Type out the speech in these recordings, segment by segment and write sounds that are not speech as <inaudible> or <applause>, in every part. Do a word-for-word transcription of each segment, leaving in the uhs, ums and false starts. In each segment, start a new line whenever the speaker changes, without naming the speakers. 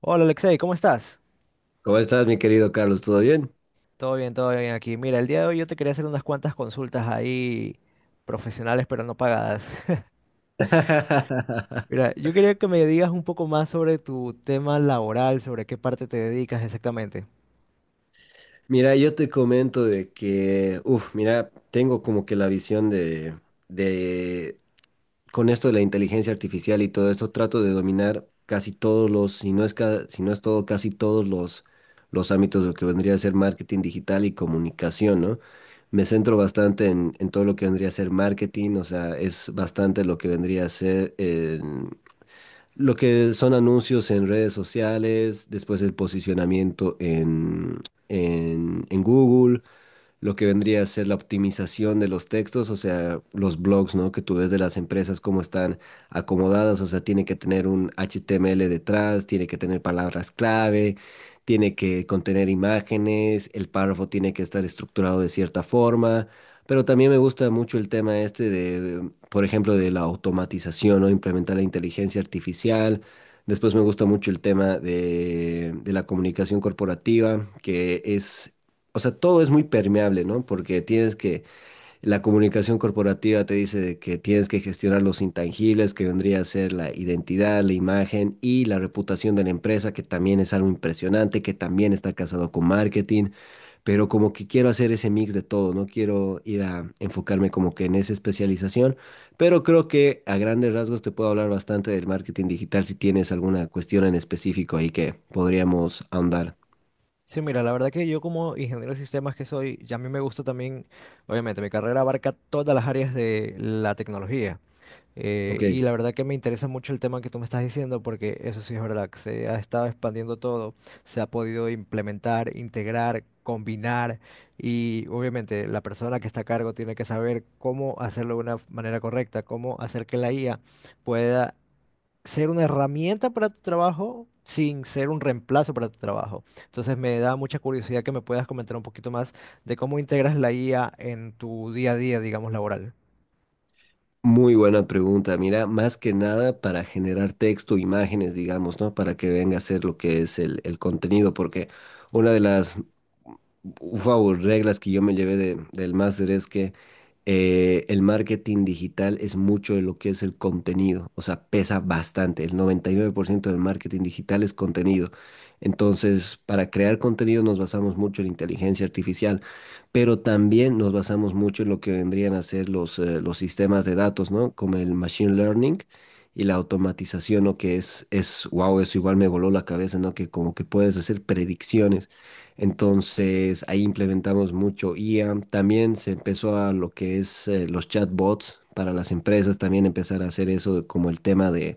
Hola Alexei, ¿cómo estás?
¿Cómo estás, mi querido Carlos? ¿Todo bien?
Todo bien, todo bien aquí. Mira, el día de hoy yo te quería hacer unas cuantas consultas ahí profesionales pero no pagadas. <laughs>
<laughs>
Mira, yo quería que me digas un poco más sobre tu tema laboral, sobre qué parte te dedicas exactamente.
Mira, yo te comento de que, uff, mira, tengo como que la visión de, de, con esto de la inteligencia artificial y todo esto, trato de dominar casi todos los, si no es, ca- si no es todo, casi todos los, los ámbitos de lo que vendría a ser marketing digital y comunicación, ¿no? Me centro bastante en, en todo lo que vendría a ser marketing, o sea, es bastante lo que vendría a ser eh, lo que son anuncios en redes sociales, después el posicionamiento en, en, en Google, lo que vendría a ser la optimización de los textos, o sea, los blogs, ¿no? Que tú ves de las empresas, cómo están acomodadas, o sea, tiene que tener un H T M L detrás, tiene que tener palabras clave, tiene que contener imágenes, el párrafo tiene que estar estructurado de cierta forma. Pero también me gusta mucho el tema este de, por ejemplo, de la automatización, ¿no? Implementar la inteligencia artificial. Después me gusta mucho el tema de, de la comunicación corporativa, que es, o sea, todo es muy permeable, ¿no? Porque tienes que, la comunicación corporativa te dice de que tienes que gestionar los intangibles, que vendría a ser la identidad, la imagen y la reputación de la empresa, que también es algo impresionante, que también está casado con marketing, pero como que quiero hacer ese mix de todo, no quiero ir a enfocarme como que en esa especialización, pero creo que a grandes rasgos te puedo hablar bastante del marketing digital si tienes alguna cuestión en específico ahí que podríamos ahondar.
Sí, mira, la verdad que yo como ingeniero de sistemas que soy, ya a mí me gusta también, obviamente, mi carrera abarca todas las áreas de la tecnología. Eh,
Ok.
y la verdad que me interesa mucho el tema que tú me estás diciendo, porque eso sí es verdad, que se ha estado expandiendo todo, se ha podido implementar, integrar, combinar, y obviamente la persona que está a cargo tiene que saber cómo hacerlo de una manera correcta, cómo hacer que la I A pueda ser una herramienta para tu trabajo sin ser un reemplazo para tu trabajo. Entonces me da mucha curiosidad que me puedas comentar un poquito más de cómo integras la I A en tu día a día, digamos, laboral.
Muy buena pregunta. Mira, más que nada para generar texto, imágenes, digamos, ¿no? Para que venga a ser lo que es el, el contenido, porque una de las, wow, reglas que yo me llevé de- del máster es que eh, el marketing digital es mucho de lo que es el contenido, o sea, pesa bastante. El noventa y nueve por ciento del marketing digital es contenido. Entonces, para crear contenido nos basamos mucho en inteligencia artificial, pero también nos basamos mucho en lo que vendrían a ser los, eh, los sistemas de datos, ¿no? Como el machine learning y la automatización, ¿no? Que es, es, wow, eso igual me voló la cabeza, ¿no? Que como que puedes hacer predicciones. Entonces, ahí implementamos mucho I A. También se empezó a lo que es eh, los chatbots para las empresas, también empezar a hacer eso como el tema de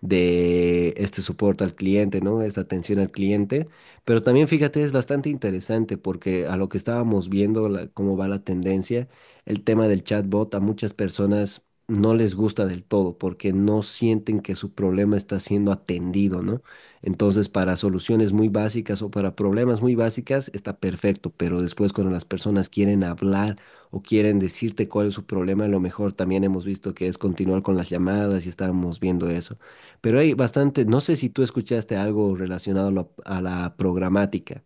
de este soporte al cliente, ¿no? Esta atención al cliente. Pero también fíjate, es bastante interesante porque a lo que estábamos viendo, la- cómo va la tendencia, el tema del chatbot a muchas personas no les gusta del todo porque no sienten que su problema está siendo atendido, ¿no? Entonces, para soluciones muy básicas o para problemas muy básicas está perfecto, pero después cuando las personas quieren hablar o quieren decirte cuál es su problema, a lo mejor también hemos visto que es continuar con las llamadas y estábamos viendo eso. Pero hay bastante, no sé si tú escuchaste algo relacionado a lo- a la programática.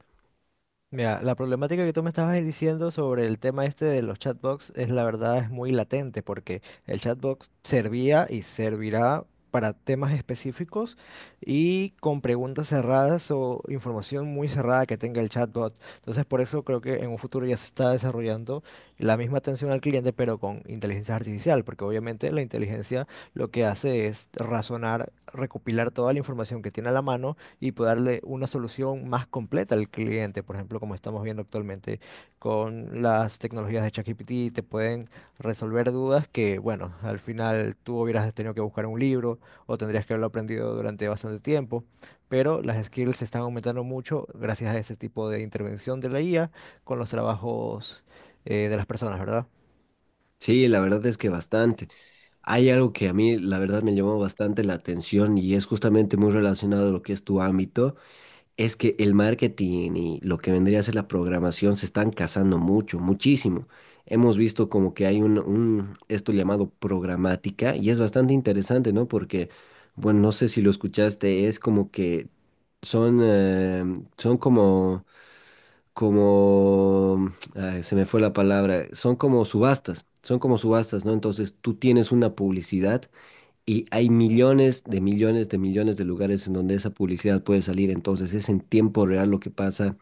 Mira, la problemática que tú me estabas diciendo sobre el tema este de los chatbots es la verdad es muy latente porque el chatbot servía y servirá para temas específicos y con preguntas cerradas o información muy cerrada que tenga el chatbot. Entonces, por eso creo que en un futuro ya se está desarrollando la misma atención al cliente, pero con inteligencia artificial, porque obviamente la inteligencia lo que hace es razonar, recopilar toda la información que tiene a la mano y poder darle una solución más completa al cliente. Por ejemplo, como estamos viendo actualmente con las tecnologías de ChatGPT, te pueden resolver dudas que, bueno, al final tú hubieras tenido que buscar un libro o tendrías que haberlo aprendido durante bastante tiempo. Pero las skills se están aumentando mucho gracias a ese tipo de intervención de la I A con los trabajos eh, de las personas, ¿verdad?
Sí, la verdad es que bastante. Hay algo que a mí, la verdad, me llamó bastante la atención y es justamente muy relacionado a lo que es tu ámbito, es que el marketing y lo que vendría a ser la programación se están casando mucho, muchísimo. Hemos visto como que hay un, un esto llamado programática y es bastante interesante, ¿no? Porque, bueno, no sé si lo escuchaste, es como que son, eh, son como como, ay, se me fue la palabra, son como subastas, son como subastas, ¿no? Entonces tú tienes una publicidad y hay millones de millones de millones de lugares en donde esa publicidad puede salir, entonces es en tiempo real lo que pasa,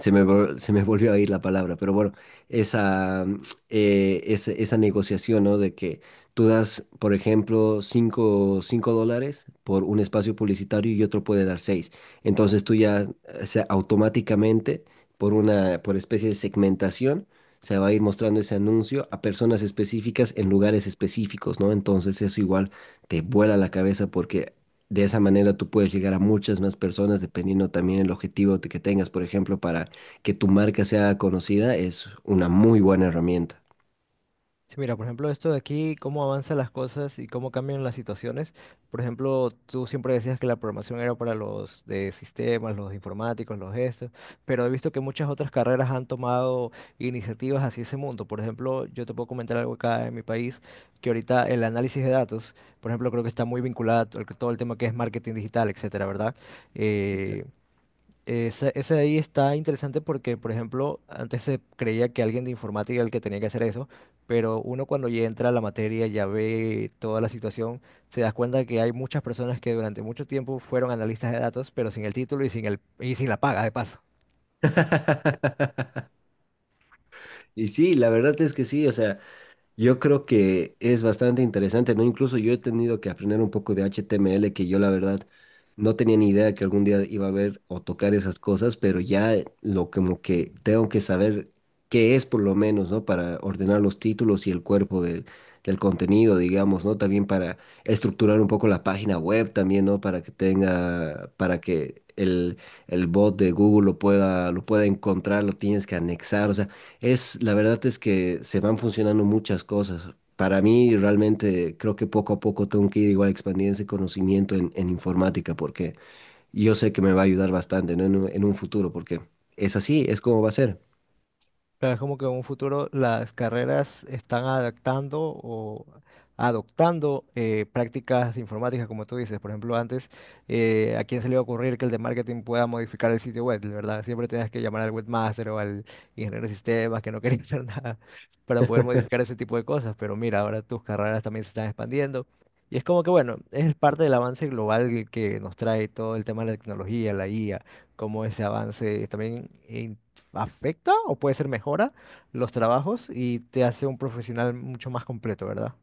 se me, vol- se me <laughs> volvió a ir la palabra, pero bueno, esa, mm, eh, esa, esa negociación, ¿no? De que tú das, por ejemplo, cinco cinco dólares por un espacio publicitario y otro puede dar seis. Entonces tú ya, o sea, automáticamente, por una, por especie de segmentación, se va a ir mostrando ese anuncio a personas específicas en lugares específicos, ¿no? Entonces eso igual te vuela la cabeza porque de esa manera tú puedes llegar a muchas más personas dependiendo también el objetivo te- que tengas. Por ejemplo, para que tu marca sea conocida es una muy buena herramienta.
Sí, mira, por ejemplo, esto de aquí, cómo avanzan las cosas y cómo cambian las situaciones. Por ejemplo, tú siempre decías que la programación era para los de sistemas, los informáticos, los gestos, pero he visto que muchas otras carreras han tomado iniciativas hacia ese mundo. Por ejemplo, yo te puedo comentar algo acá en mi país, que ahorita el análisis de datos, por ejemplo, creo que está muy vinculado a todo el todo el tema que es marketing digital, etcétera, ¿verdad? Eh,
Exacto.
esa- Ese, Ahí está interesante porque, por ejemplo, antes se creía que alguien de informática era el que tenía que hacer eso, pero uno cuando ya entra a la materia, ya ve toda la situación, se da cuenta que hay muchas personas que durante mucho tiempo fueron analistas de datos, pero sin el título y sin el, y sin la paga, de paso.
<laughs> Y sí, la verdad es que sí, o sea, yo creo que es bastante interesante, ¿no? Incluso yo he tenido que aprender un poco de H T M L, que yo la verdad no tenía ni idea que algún día iba a ver o tocar esas cosas, pero ya eh, lo como que tengo que saber qué es por lo menos, ¿no? Para ordenar los títulos y el cuerpo del, del contenido, digamos, ¿no? También para estructurar un poco la página web también, ¿no? Para que tenga, para que el, el bot de Google lo pueda, lo pueda encontrar, lo tienes que anexar, o sea. Es, la verdad es que se van funcionando muchas cosas. Para mí, realmente creo que poco a poco tengo que ir igual expandiendo ese conocimiento en, en informática, porque yo sé que me va a ayudar bastante, ¿no? En un, en un futuro, porque es así, es como va a ser.
Claro, es como que en un futuro las carreras están adaptando o adoptando eh, prácticas informáticas, como tú dices. Por ejemplo, antes, eh, ¿a quién se le iba a ocurrir que el de marketing pueda modificar el sitio web, ¿verdad? Siempre tenías que llamar al webmaster o al ingeniero de sistemas que no quería <laughs> hacer nada para poder modificar ese tipo de cosas. Pero mira, ahora tus carreras también se están expandiendo. Y es como que, bueno, es parte del avance global que nos trae todo el tema de la tecnología, la I A, cómo ese avance también... eh, afecta o puede ser mejora los trabajos y te hace un profesional mucho más completo, ¿verdad?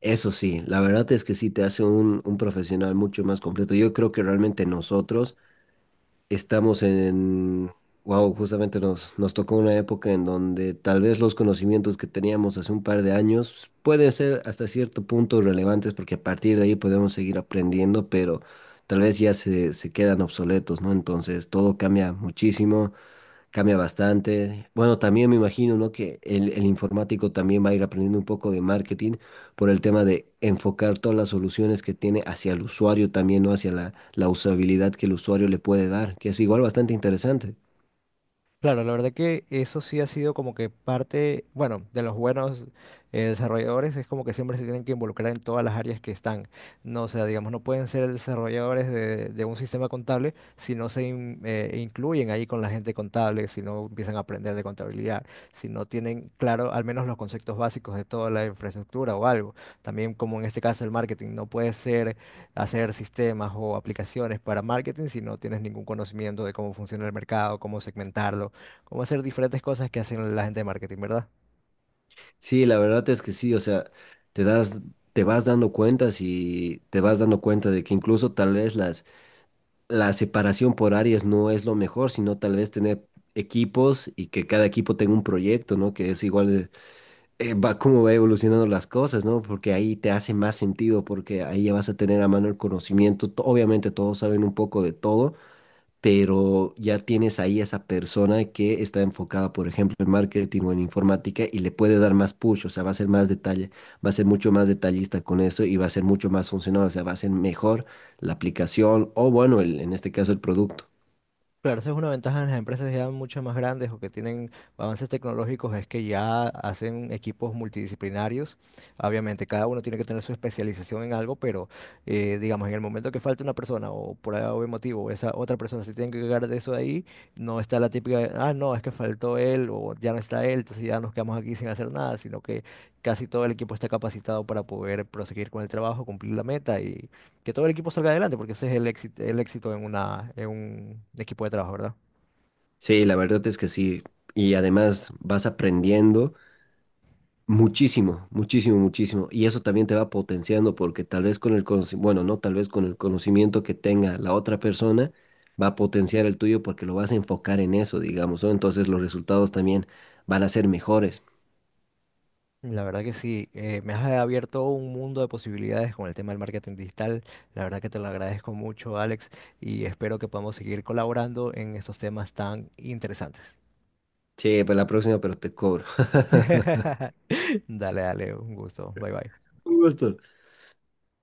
Eso sí, la verdad es que sí te hace un, un profesional mucho más completo. Yo creo que realmente nosotros estamos en, wow, justamente nos, nos tocó una época en donde tal vez los conocimientos que teníamos hace un par de años pueden ser hasta cierto punto relevantes porque a partir de ahí podemos seguir aprendiendo, pero tal vez ya se, se quedan obsoletos, ¿no? Entonces todo cambia muchísimo. Cambia bastante. Bueno, también me imagino, ¿no? Que el, el informático también va a ir aprendiendo un poco de marketing por el tema de enfocar todas las soluciones que tiene hacia el usuario también, ¿no? Hacia la, la usabilidad que el usuario le puede dar, que es igual bastante interesante.
Claro, la verdad que eso sí ha sido como que parte, bueno, de los buenos eh, desarrolladores es como que siempre se tienen que involucrar en todas las áreas que están. No, o sea, digamos, no pueden ser desarrolladores de, de un sistema contable si no se in- eh, incluyen ahí con la gente contable, si no empiezan a aprender de contabilidad, si no tienen claro al menos los conceptos básicos de toda la infraestructura o algo. También como en este caso el marketing, no puede ser hacer sistemas o aplicaciones para marketing si no tienes ningún conocimiento de cómo funciona el mercado, cómo segmentarlo, cómo hacer diferentes cosas que hacen la gente de marketing, ¿verdad?
Sí, la verdad es que sí, o sea, te das, te vas dando cuentas y te vas dando cuenta de que incluso tal vez las, la separación por áreas no es lo mejor, sino tal vez tener equipos y que cada equipo tenga un proyecto, ¿no? Que es igual eh, va cómo va evolucionando las cosas, ¿no? Porque ahí te hace más sentido, porque ahí ya vas a tener a mano el conocimiento. To- Obviamente todos saben un poco de todo, pero ya tienes ahí esa persona que está enfocada, por ejemplo, en marketing o en informática y le puede dar más push, o sea, va a ser más detalle, va a ser mucho más detallista con eso y va a ser mucho más funcional, o sea, va a ser mejor la aplicación o, bueno, el- en este caso, el producto.
Claro, esa es una ventaja en las empresas ya mucho más grandes o que tienen avances tecnológicos, es que ya hacen equipos multidisciplinarios. Obviamente, cada uno tiene que tener su especialización en algo, pero eh, digamos, en el momento que falta una persona o por algún motivo, esa otra persona se tiene que cargar de eso de ahí, no está la típica, de, ah, no, es que faltó él o ya no está él, entonces ya nos quedamos aquí sin hacer nada, sino que casi todo el equipo está capacitado para poder proseguir con el trabajo, cumplir la meta y que todo el equipo salga adelante, porque ese es el éxito, el éxito en una, en un equipo de trabajo, ¿verdad?
Sí, la verdad es que sí. Y además vas aprendiendo. Muchísimo, muchísimo, muchísimo. Y eso también te va potenciando porque tal vez con el conoci- bueno, no, tal vez con el conocimiento que tenga la otra persona va a potenciar el tuyo porque lo vas a enfocar en eso, digamos, ¿no? Entonces los resultados también van a ser mejores.
La verdad que sí, eh, me has abierto un mundo de posibilidades con el tema del marketing digital. La verdad que te lo agradezco mucho, Alex, y espero que podamos seguir colaborando en estos temas tan interesantes.
Sí, para la próxima, pero te cobro.
<laughs> Dale, dale, un gusto. Bye, bye.
<laughs> Un gusto.